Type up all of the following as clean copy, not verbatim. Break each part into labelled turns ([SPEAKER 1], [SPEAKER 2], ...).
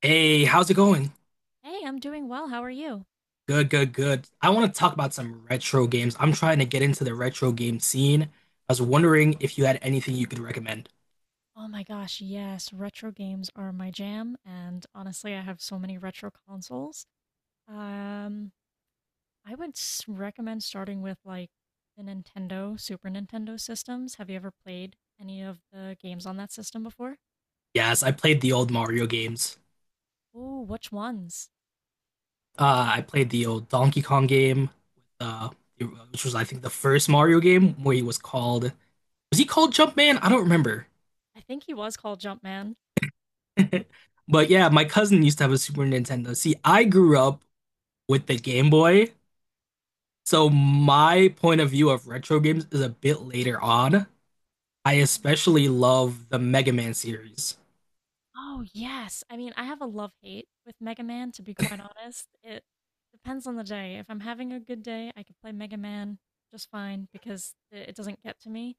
[SPEAKER 1] Hey, how's it going?
[SPEAKER 2] Hey, I'm doing well. How are you?
[SPEAKER 1] Good, good, good. I want to talk about some retro games. I'm trying to get into the retro game scene. I was wondering if you had anything you could recommend.
[SPEAKER 2] Oh my gosh, yes, retro games are my jam, and honestly, I have so many retro consoles. Um, I would s recommend starting with like the Nintendo, Super Nintendo systems. Have you ever played any of the games on that system before?
[SPEAKER 1] Yes, I played the old Mario games.
[SPEAKER 2] Oh, which ones?
[SPEAKER 1] I played the old Donkey Kong game, uh, which was I think the first Mario game where he was called was he called Jumpman? I don't remember.
[SPEAKER 2] I think he was called Jumpman.
[SPEAKER 1] But yeah, my cousin used to have a Super Nintendo. See, I grew up with the Game Boy, so my point of view of retro games is a bit later on. I especially love the Mega Man series.
[SPEAKER 2] Oh, yes. I mean, I have a love-hate with Mega Man, to be quite honest. It depends on the day. If I'm having a good day, I can play Mega Man just fine because it doesn't get to me.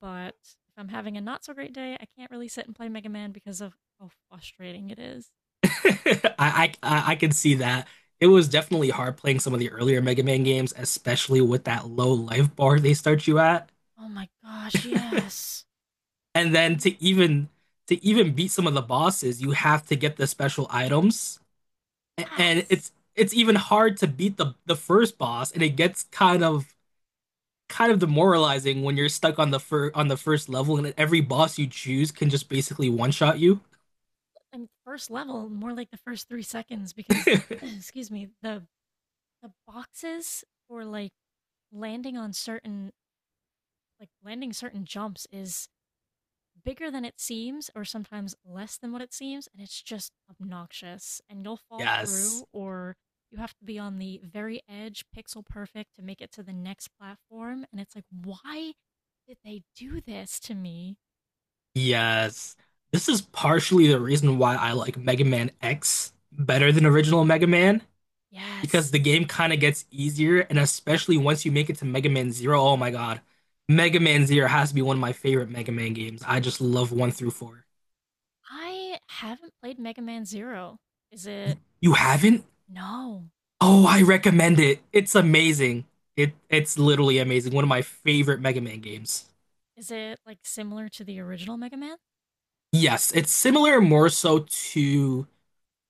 [SPEAKER 2] But if I'm having a not so great day, I can't really sit and play Mega Man because of how frustrating it is.
[SPEAKER 1] I can see that. It was definitely hard playing some of the earlier Mega Man games, especially with that low life bar they start you at.
[SPEAKER 2] Oh my gosh, yes.
[SPEAKER 1] And then
[SPEAKER 2] And
[SPEAKER 1] to even beat some of the bosses, you have to get the special items. And
[SPEAKER 2] yes.
[SPEAKER 1] it's even hard to beat the first boss, and it gets kind of demoralizing when you're stuck on the fir on the first level and every boss you choose can just basically one-shot you.
[SPEAKER 2] And first level, more like the first 3 seconds because, excuse me, the boxes for like landing on certain landing certain jumps is bigger than it seems or sometimes less than what it seems, and it's just obnoxious and you'll fall
[SPEAKER 1] Yes.
[SPEAKER 2] through, or you have to be on the very edge pixel perfect to make it to the next platform, and it's like, why did they do this to me?
[SPEAKER 1] Yes. This is partially the reason why I like Mega Man X better than original Mega Man, because
[SPEAKER 2] Yes.
[SPEAKER 1] the game kind of gets easier, and especially once you make it to Mega Man Zero, oh my God. Mega Man Zero has to be one of my favorite Mega Man games. I just love one through four.
[SPEAKER 2] I haven't played Mega Man 0. is it
[SPEAKER 1] You haven't?
[SPEAKER 2] no
[SPEAKER 1] Oh, I recommend it. It's amazing. It it's literally amazing. One of my favorite Mega Man games.
[SPEAKER 2] Is it like similar to the original Mega Man?
[SPEAKER 1] Yes, it's similar more so to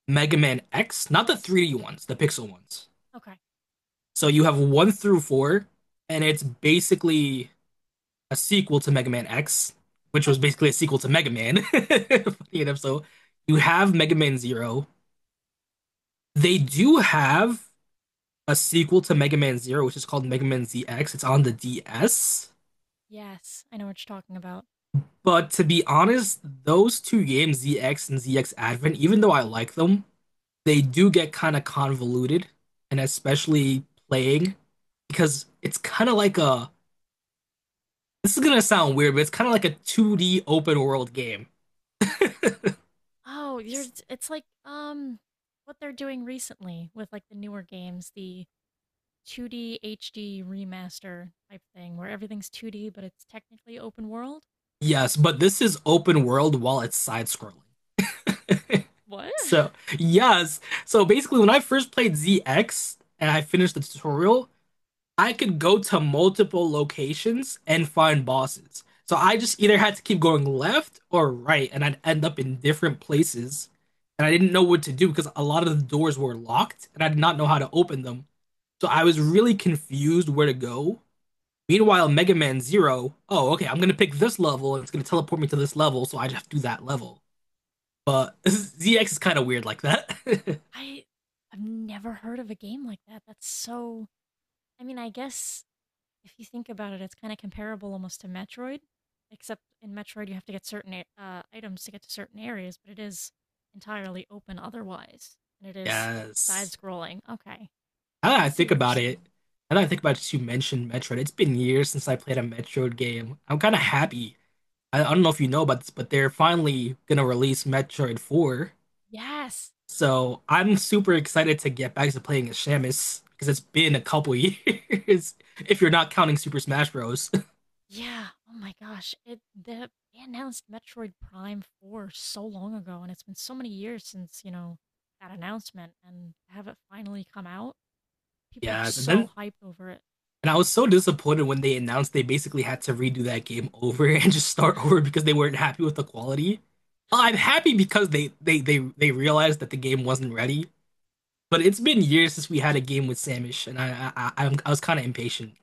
[SPEAKER 1] Mega Man X, not the 3D ones, the pixel ones.
[SPEAKER 2] Okay.
[SPEAKER 1] So you have one through four, and it's basically a sequel to Mega Man X, which
[SPEAKER 2] Okay.
[SPEAKER 1] was basically a sequel to Mega Man. Funny enough, so you have Mega Man Zero. They do have a sequel to Mega Man Zero, which is called Mega Man ZX. It's on the DS.
[SPEAKER 2] Yes, I know what you're talking about.
[SPEAKER 1] But to be honest, those two games, ZX and ZX Advent, even though I like them, they do get kind of convoluted, and especially playing because it's kind of like a this is gonna sound weird, but it's kind of like a 2D open world game.
[SPEAKER 2] Oh, you're it's like what they're doing recently with like the newer games, the 2D HD remaster type thing where everything's 2D but it's technically open world.
[SPEAKER 1] Yes, but this is open world while it's side scrolling.
[SPEAKER 2] What?
[SPEAKER 1] So, yes. So basically, when I first played ZX and I finished the tutorial, I could go to multiple locations and find bosses. So I just either had to keep going left or right, and I'd end up in different places. And I didn't know what to do because a lot of the doors were locked, and I did not know how to open them. So I was really confused where to go. Meanwhile, Mega Man Zero, oh, okay, I'm gonna pick this level and it's gonna teleport me to this level, so I just have to do that level. But ZX is kind of weird like that.
[SPEAKER 2] I I've never heard of a game like that. That's so, I mean, I guess if you think about it, it's kind of comparable almost to Metroid, except in Metroid you have to get certain items to get to certain areas, but it is entirely open otherwise, and it is
[SPEAKER 1] Yes.
[SPEAKER 2] side-scrolling. Okay,
[SPEAKER 1] Now that
[SPEAKER 2] I
[SPEAKER 1] I
[SPEAKER 2] see
[SPEAKER 1] think
[SPEAKER 2] what you're
[SPEAKER 1] about
[SPEAKER 2] saying.
[SPEAKER 1] it, now that I think about it, you mentioned Metroid. It's been years since I played a Metroid game. I'm kind of happy. I don't know if you know about this, but they're finally gonna release Metroid 4.
[SPEAKER 2] Yes.
[SPEAKER 1] So I'm super excited to get back to playing as Samus because it's been a couple years if you're not counting Super Smash Bros.
[SPEAKER 2] Yeah. Oh my gosh. It the they announced Metroid Prime 4 so long ago, and it's been so many years since that announcement, and to have it finally come out. People are
[SPEAKER 1] Yes, and
[SPEAKER 2] so
[SPEAKER 1] then
[SPEAKER 2] hyped over it.
[SPEAKER 1] and I was so disappointed when they announced they basically had to redo that game over and just start over because they weren't happy with the quality. Well, I'm happy because they realized that the game wasn't ready. But it's been years since we had a game with Samish, and I was kind of impatient.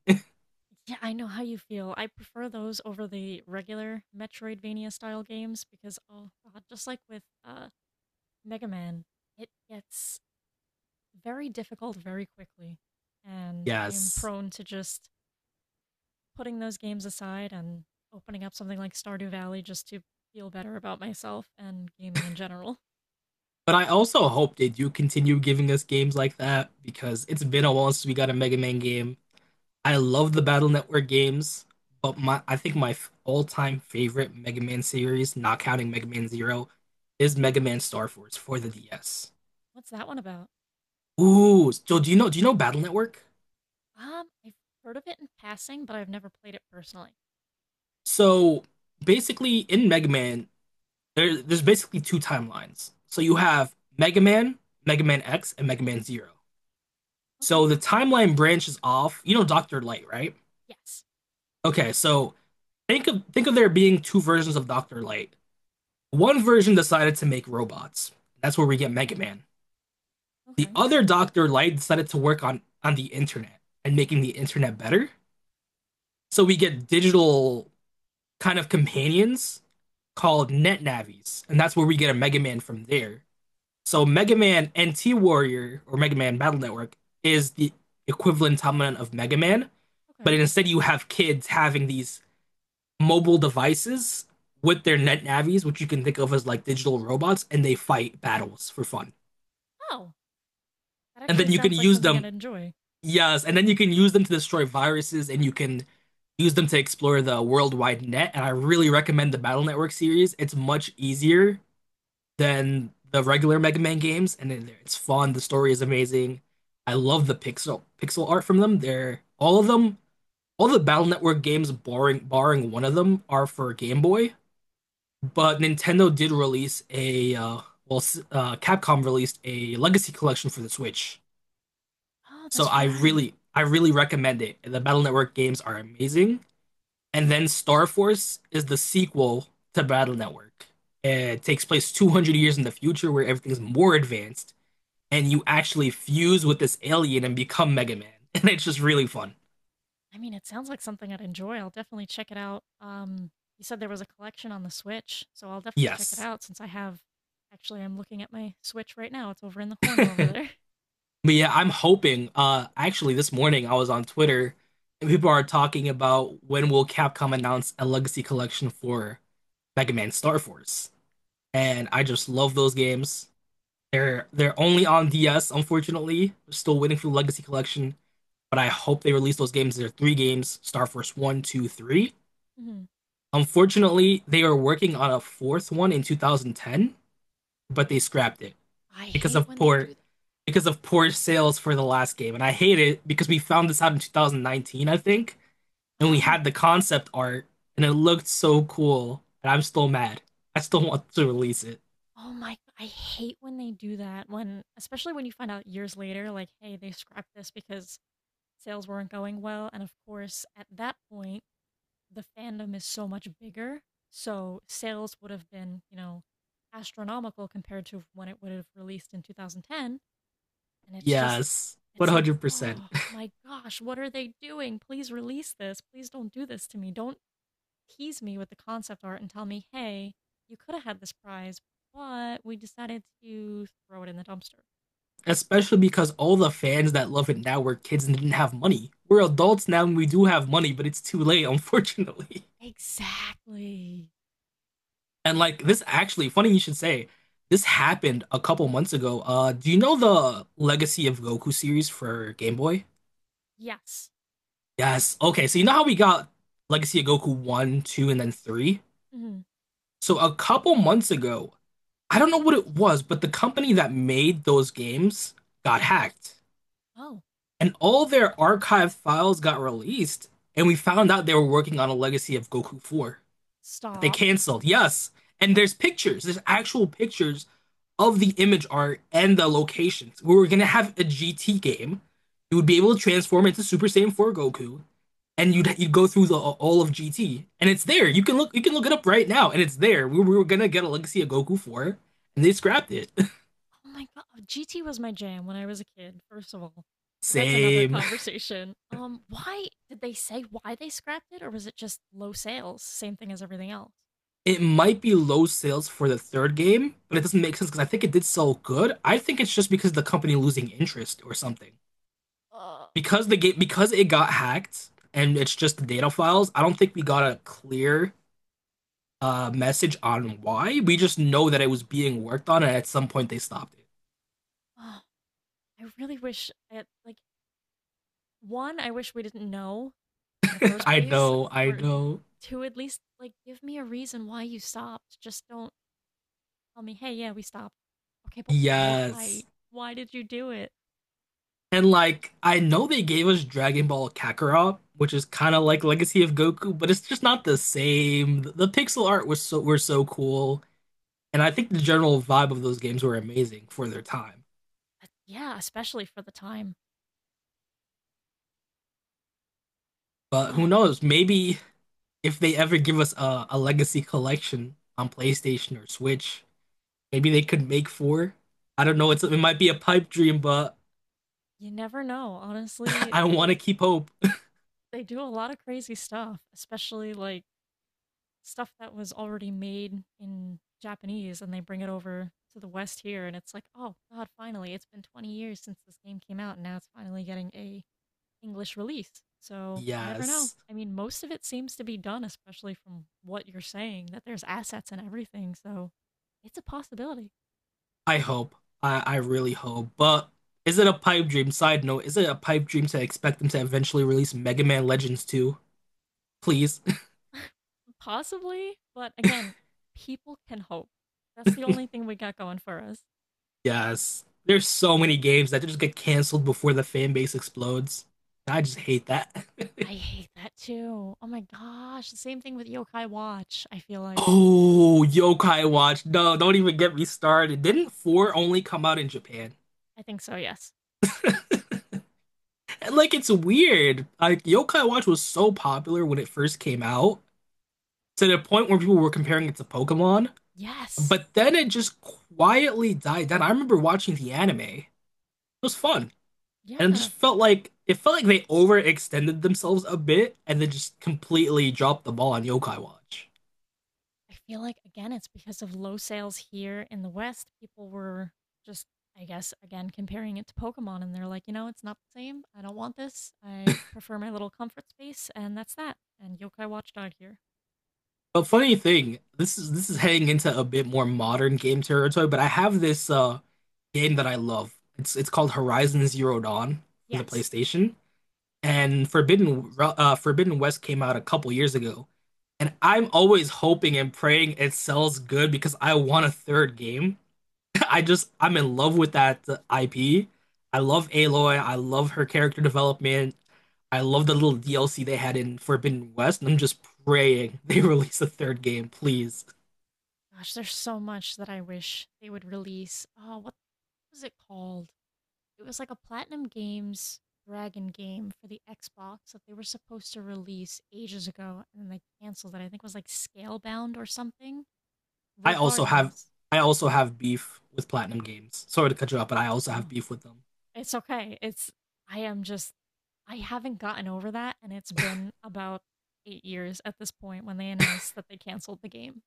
[SPEAKER 2] Yeah, I know how you feel. I prefer those over the regular Metroidvania style games because, oh god, just like with Mega Man, it gets very difficult very quickly. And I am
[SPEAKER 1] Yes.
[SPEAKER 2] prone to just putting those games aside and opening up something like Stardew Valley just to feel better about myself and gaming in general.
[SPEAKER 1] But I also hope they do continue giving us games like that because it's been a while since we got a Mega Man game. I love the Battle Network games, but my I think my all-time favorite Mega Man series, not counting Mega Man Zero, is Mega Man Star Force for the DS.
[SPEAKER 2] What's that one about?
[SPEAKER 1] Ooh, so do you know Battle Network?
[SPEAKER 2] I've heard of it in passing, but I've never played it personally.
[SPEAKER 1] So basically in Mega Man, there's basically two timelines. So you have Mega Man, Mega Man X, and Mega Man Zero.
[SPEAKER 2] Okay.
[SPEAKER 1] So the timeline branches off. You know Dr. Light, right?
[SPEAKER 2] Yes.
[SPEAKER 1] Okay, so think of there being two versions of Dr. Light. One version decided to make robots. That's where we get Mega Man. The
[SPEAKER 2] Okay.
[SPEAKER 1] other Dr. Light decided to work on, the internet and making the internet better. So we get digital kind of companions called Net Navies, and that's where we get a Mega Man from there. So Mega Man NT Warrior or Mega Man Battle Network is the equivalent dominant of Mega Man, but
[SPEAKER 2] Okay.
[SPEAKER 1] instead you have kids having these mobile devices with their net navies, which you can think of as like digital robots, and they fight battles for fun.
[SPEAKER 2] Oh, that
[SPEAKER 1] And
[SPEAKER 2] actually
[SPEAKER 1] then you can
[SPEAKER 2] sounds like
[SPEAKER 1] use
[SPEAKER 2] something I'd
[SPEAKER 1] them,
[SPEAKER 2] enjoy.
[SPEAKER 1] yes, and then you can use them to destroy viruses and you can use them to explore the worldwide net. And I really recommend the Battle Network series. It's much easier than the regular Mega Man games, and it's fun. The story is amazing. I love the pixel art from them. They're all of them, all the Battle Network games, barring one of them, are for Game Boy. But Nintendo did release a Capcom released a Legacy Collection for the Switch.
[SPEAKER 2] Oh,
[SPEAKER 1] So
[SPEAKER 2] that's right.
[SPEAKER 1] I really recommend it. The Battle Network games are amazing. And then Star Force is the sequel to Battle Network. It takes place 200 years in the future where everything's more advanced, and you actually fuse with this alien and become Mega Man. And it's just really fun.
[SPEAKER 2] I mean, it sounds like something I'd enjoy. I'll definitely check it out. You said there was a collection on the Switch, so I'll definitely check it
[SPEAKER 1] Yes.
[SPEAKER 2] out since I have. Actually, I'm looking at my Switch right now. It's over in the corner over there.
[SPEAKER 1] But yeah, I'm hoping. Actually, this morning I was on Twitter and people are talking about when will Capcom announce a legacy collection for Mega Man Star Force. And I just love those games. They're only on DS, unfortunately. We're still waiting for the legacy collection, but I hope they release those games. There are three games, Star Force One, 2, 3.
[SPEAKER 2] hmm
[SPEAKER 1] Unfortunately, they are working on a fourth one in 2010, but they scrapped it
[SPEAKER 2] I
[SPEAKER 1] because
[SPEAKER 2] hate
[SPEAKER 1] of
[SPEAKER 2] when they
[SPEAKER 1] poor
[SPEAKER 2] do.
[SPEAKER 1] because of poor sales for the last game. And I hate it because we found this out in 2019, I think, and we
[SPEAKER 2] Oh,
[SPEAKER 1] had the concept art and it looked so cool, and I'm still mad. I still want to release it.
[SPEAKER 2] oh my, I hate when they do that, when especially when you find out years later like, "Hey, they scrapped this because sales weren't going well." And of course, at that point, the fandom is so much bigger, so sales would have been astronomical compared to when it would have released in 2010, and
[SPEAKER 1] Yes,
[SPEAKER 2] it's like,
[SPEAKER 1] 100%.
[SPEAKER 2] "Oh my gosh, what are they doing? Please release this. Please don't do this to me. Don't tease me with the concept art and tell me, hey, you could have had this prize, but we decided to throw it in the dumpster."
[SPEAKER 1] Especially because all the fans that love it now were kids and didn't have money. We're adults now and we do have money, but it's too late, unfortunately.
[SPEAKER 2] Exactly.
[SPEAKER 1] And like this actually, funny you should say, this happened a couple months ago. Do you know the Legacy of Goku series for Game Boy?
[SPEAKER 2] Yes.
[SPEAKER 1] Yes. Okay, so you know how we got Legacy of Goku 1, 2, and then 3?
[SPEAKER 2] Mhm.
[SPEAKER 1] So a couple months ago, I don't know what it was, but the company that made those games got hacked.
[SPEAKER 2] Oh,
[SPEAKER 1] And all their archived files got released, and we found out they were working on a legacy of Goku 4 that they
[SPEAKER 2] stop.
[SPEAKER 1] canceled. Yes. And there's actual pictures of the image art and the locations. We were gonna have a GT game. You would be able to transform into Super Saiyan 4 Goku, and you'd go through the all of GT, and it's there. You can look it up right now, and it's there. We were gonna get a legacy of Goku 4, and they scrapped it.
[SPEAKER 2] Oh my God. GT was my jam when I was a kid, first of all. But that's another
[SPEAKER 1] Same.
[SPEAKER 2] conversation. Why they scrapped it, or was it just low sales? Same thing as everything else.
[SPEAKER 1] It might be low sales for the third game, but it doesn't make sense because I think it did sell good. I think it's just because of the company losing interest or something.
[SPEAKER 2] Ugh.
[SPEAKER 1] Because because it got hacked and it's just the data files, I don't think we got a clear message on why. We just know that it was being worked on, and at some point they stopped
[SPEAKER 2] Oh, I really wish I, like, one, I wish we didn't know in the
[SPEAKER 1] it.
[SPEAKER 2] first place,
[SPEAKER 1] I
[SPEAKER 2] or
[SPEAKER 1] know.
[SPEAKER 2] two, at least like give me a reason why you stopped. Just don't tell me, hey, yeah, we stopped. Okay, but why?
[SPEAKER 1] Yes.
[SPEAKER 2] Why did you do it?
[SPEAKER 1] And like, I know they gave us Dragon Ball Kakarot, which is kind of like Legacy of Goku, but it's just not the same. The pixel art was so were so cool. And I think the general vibe of those games were amazing for their time.
[SPEAKER 2] But yeah, especially for the time.
[SPEAKER 1] But who knows? Maybe if they ever give us a legacy collection on PlayStation or Switch, maybe they could make four. I don't know. It might be a pipe dream, but
[SPEAKER 2] You never know, honestly.
[SPEAKER 1] I want to
[SPEAKER 2] They
[SPEAKER 1] keep hope.
[SPEAKER 2] they do a lot of crazy stuff, especially like stuff that was already made in Japanese and they bring it over to the West here, and it's like, oh God, finally, it's been 20 years since this game came out and now it's finally getting a English release. So you never know.
[SPEAKER 1] Yes,
[SPEAKER 2] I mean, most of it seems to be done, especially from what you're saying, that there's assets and everything. So it's a possibility.
[SPEAKER 1] I hope. I really hope. But is it a pipe dream? Side note: is it a pipe dream to expect them to eventually release Mega Man Legends 2? Please.
[SPEAKER 2] Possibly, but again, people can hope. That's the only thing we got going for us.
[SPEAKER 1] Yes. There's so many games that just get canceled before the fan base explodes. I just hate that.
[SPEAKER 2] I hate that too. Oh my gosh. The same thing with Yokai Watch, I feel like.
[SPEAKER 1] Oh, Yokai Watch. No, don't even get me started. Didn't 4 only come out in Japan?
[SPEAKER 2] I think so, yes.
[SPEAKER 1] And like it's weird. Like Yokai Watch was so popular when it first came out to the point where people were comparing it to Pokemon,
[SPEAKER 2] Yes.
[SPEAKER 1] but then it just quietly died down. I remember watching the anime. It was fun. And it
[SPEAKER 2] Yeah.
[SPEAKER 1] just felt like they overextended themselves a bit and then just completely dropped the ball on Yokai Watch.
[SPEAKER 2] I feel like again it's because of low sales here in the West. People were just, I guess, again comparing it to Pokemon, and they're like, it's not the same. I don't want this. I prefer my little comfort space, and that's that. And Yokai Watchdog here.
[SPEAKER 1] But funny thing, this is heading into a bit more modern game territory, but I have this game that I love. It's called Horizon Zero Dawn for the
[SPEAKER 2] Yes.
[SPEAKER 1] PlayStation, and Forbidden West came out a couple years ago. And I'm always hoping and praying it sells good because I want a third game. I'm in love with that IP. I love Aloy. I love her character development. I love the little DLC they had in Forbidden West, and I'm just praying they release a third game, please.
[SPEAKER 2] Gosh, there's so much that I wish they would release. Oh, what was it called? It was like a Platinum Games Dragon game for the Xbox that they were supposed to release ages ago, and then they canceled it. I think it was like Scalebound or something.
[SPEAKER 1] I also have
[SPEAKER 2] Regardless,
[SPEAKER 1] I also have beef with Platinum Games. Sorry to cut you off, but I also have
[SPEAKER 2] no.
[SPEAKER 1] beef with them.
[SPEAKER 2] It's okay. It's I am just I haven't gotten over that, and it's been about 8 years at this point when they announced that they canceled the game.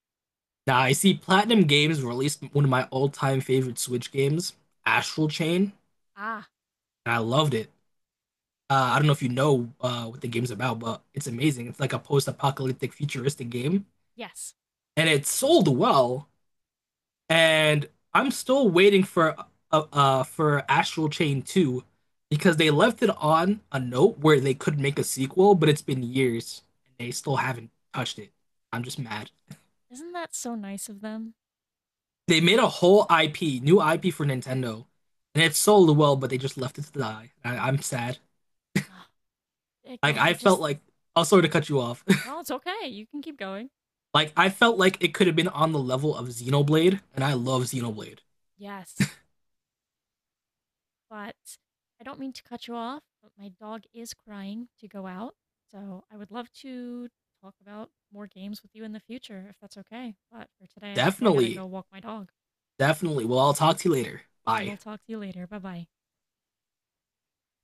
[SPEAKER 1] Now I see Platinum Games released one of my all-time favorite Switch games, Astral Chain,
[SPEAKER 2] Ah,
[SPEAKER 1] and I loved it. I don't know if you know what the game's about, but it's amazing. It's like a post-apocalyptic futuristic game
[SPEAKER 2] yes.
[SPEAKER 1] and it sold well. And I'm still waiting for Astral Chain 2 because they left it on a note where they could make a sequel, but it's been years and they still haven't touched it. I'm just mad.
[SPEAKER 2] Isn't that so nice of them?
[SPEAKER 1] They made a whole IP, new IP for Nintendo, and it sold well, but they just left it to die. I'm sad.
[SPEAKER 2] Ah,
[SPEAKER 1] Like
[SPEAKER 2] again, I
[SPEAKER 1] I felt
[SPEAKER 2] just.
[SPEAKER 1] like I'll sorry to cut you off.
[SPEAKER 2] No, it's okay. You can keep going.
[SPEAKER 1] Like I felt like it could have been on the level of Xenoblade, and I love Xenoblade.
[SPEAKER 2] Yes. But I don't mean to cut you off, but my dog is crying to go out. So, I would love to talk about more games with you in the future if that's okay. But for today, I definitely got to go
[SPEAKER 1] Definitely,
[SPEAKER 2] walk my dog.
[SPEAKER 1] definitely. Well, I'll talk to you later.
[SPEAKER 2] I
[SPEAKER 1] Bye.
[SPEAKER 2] will talk to you later. Bye-bye.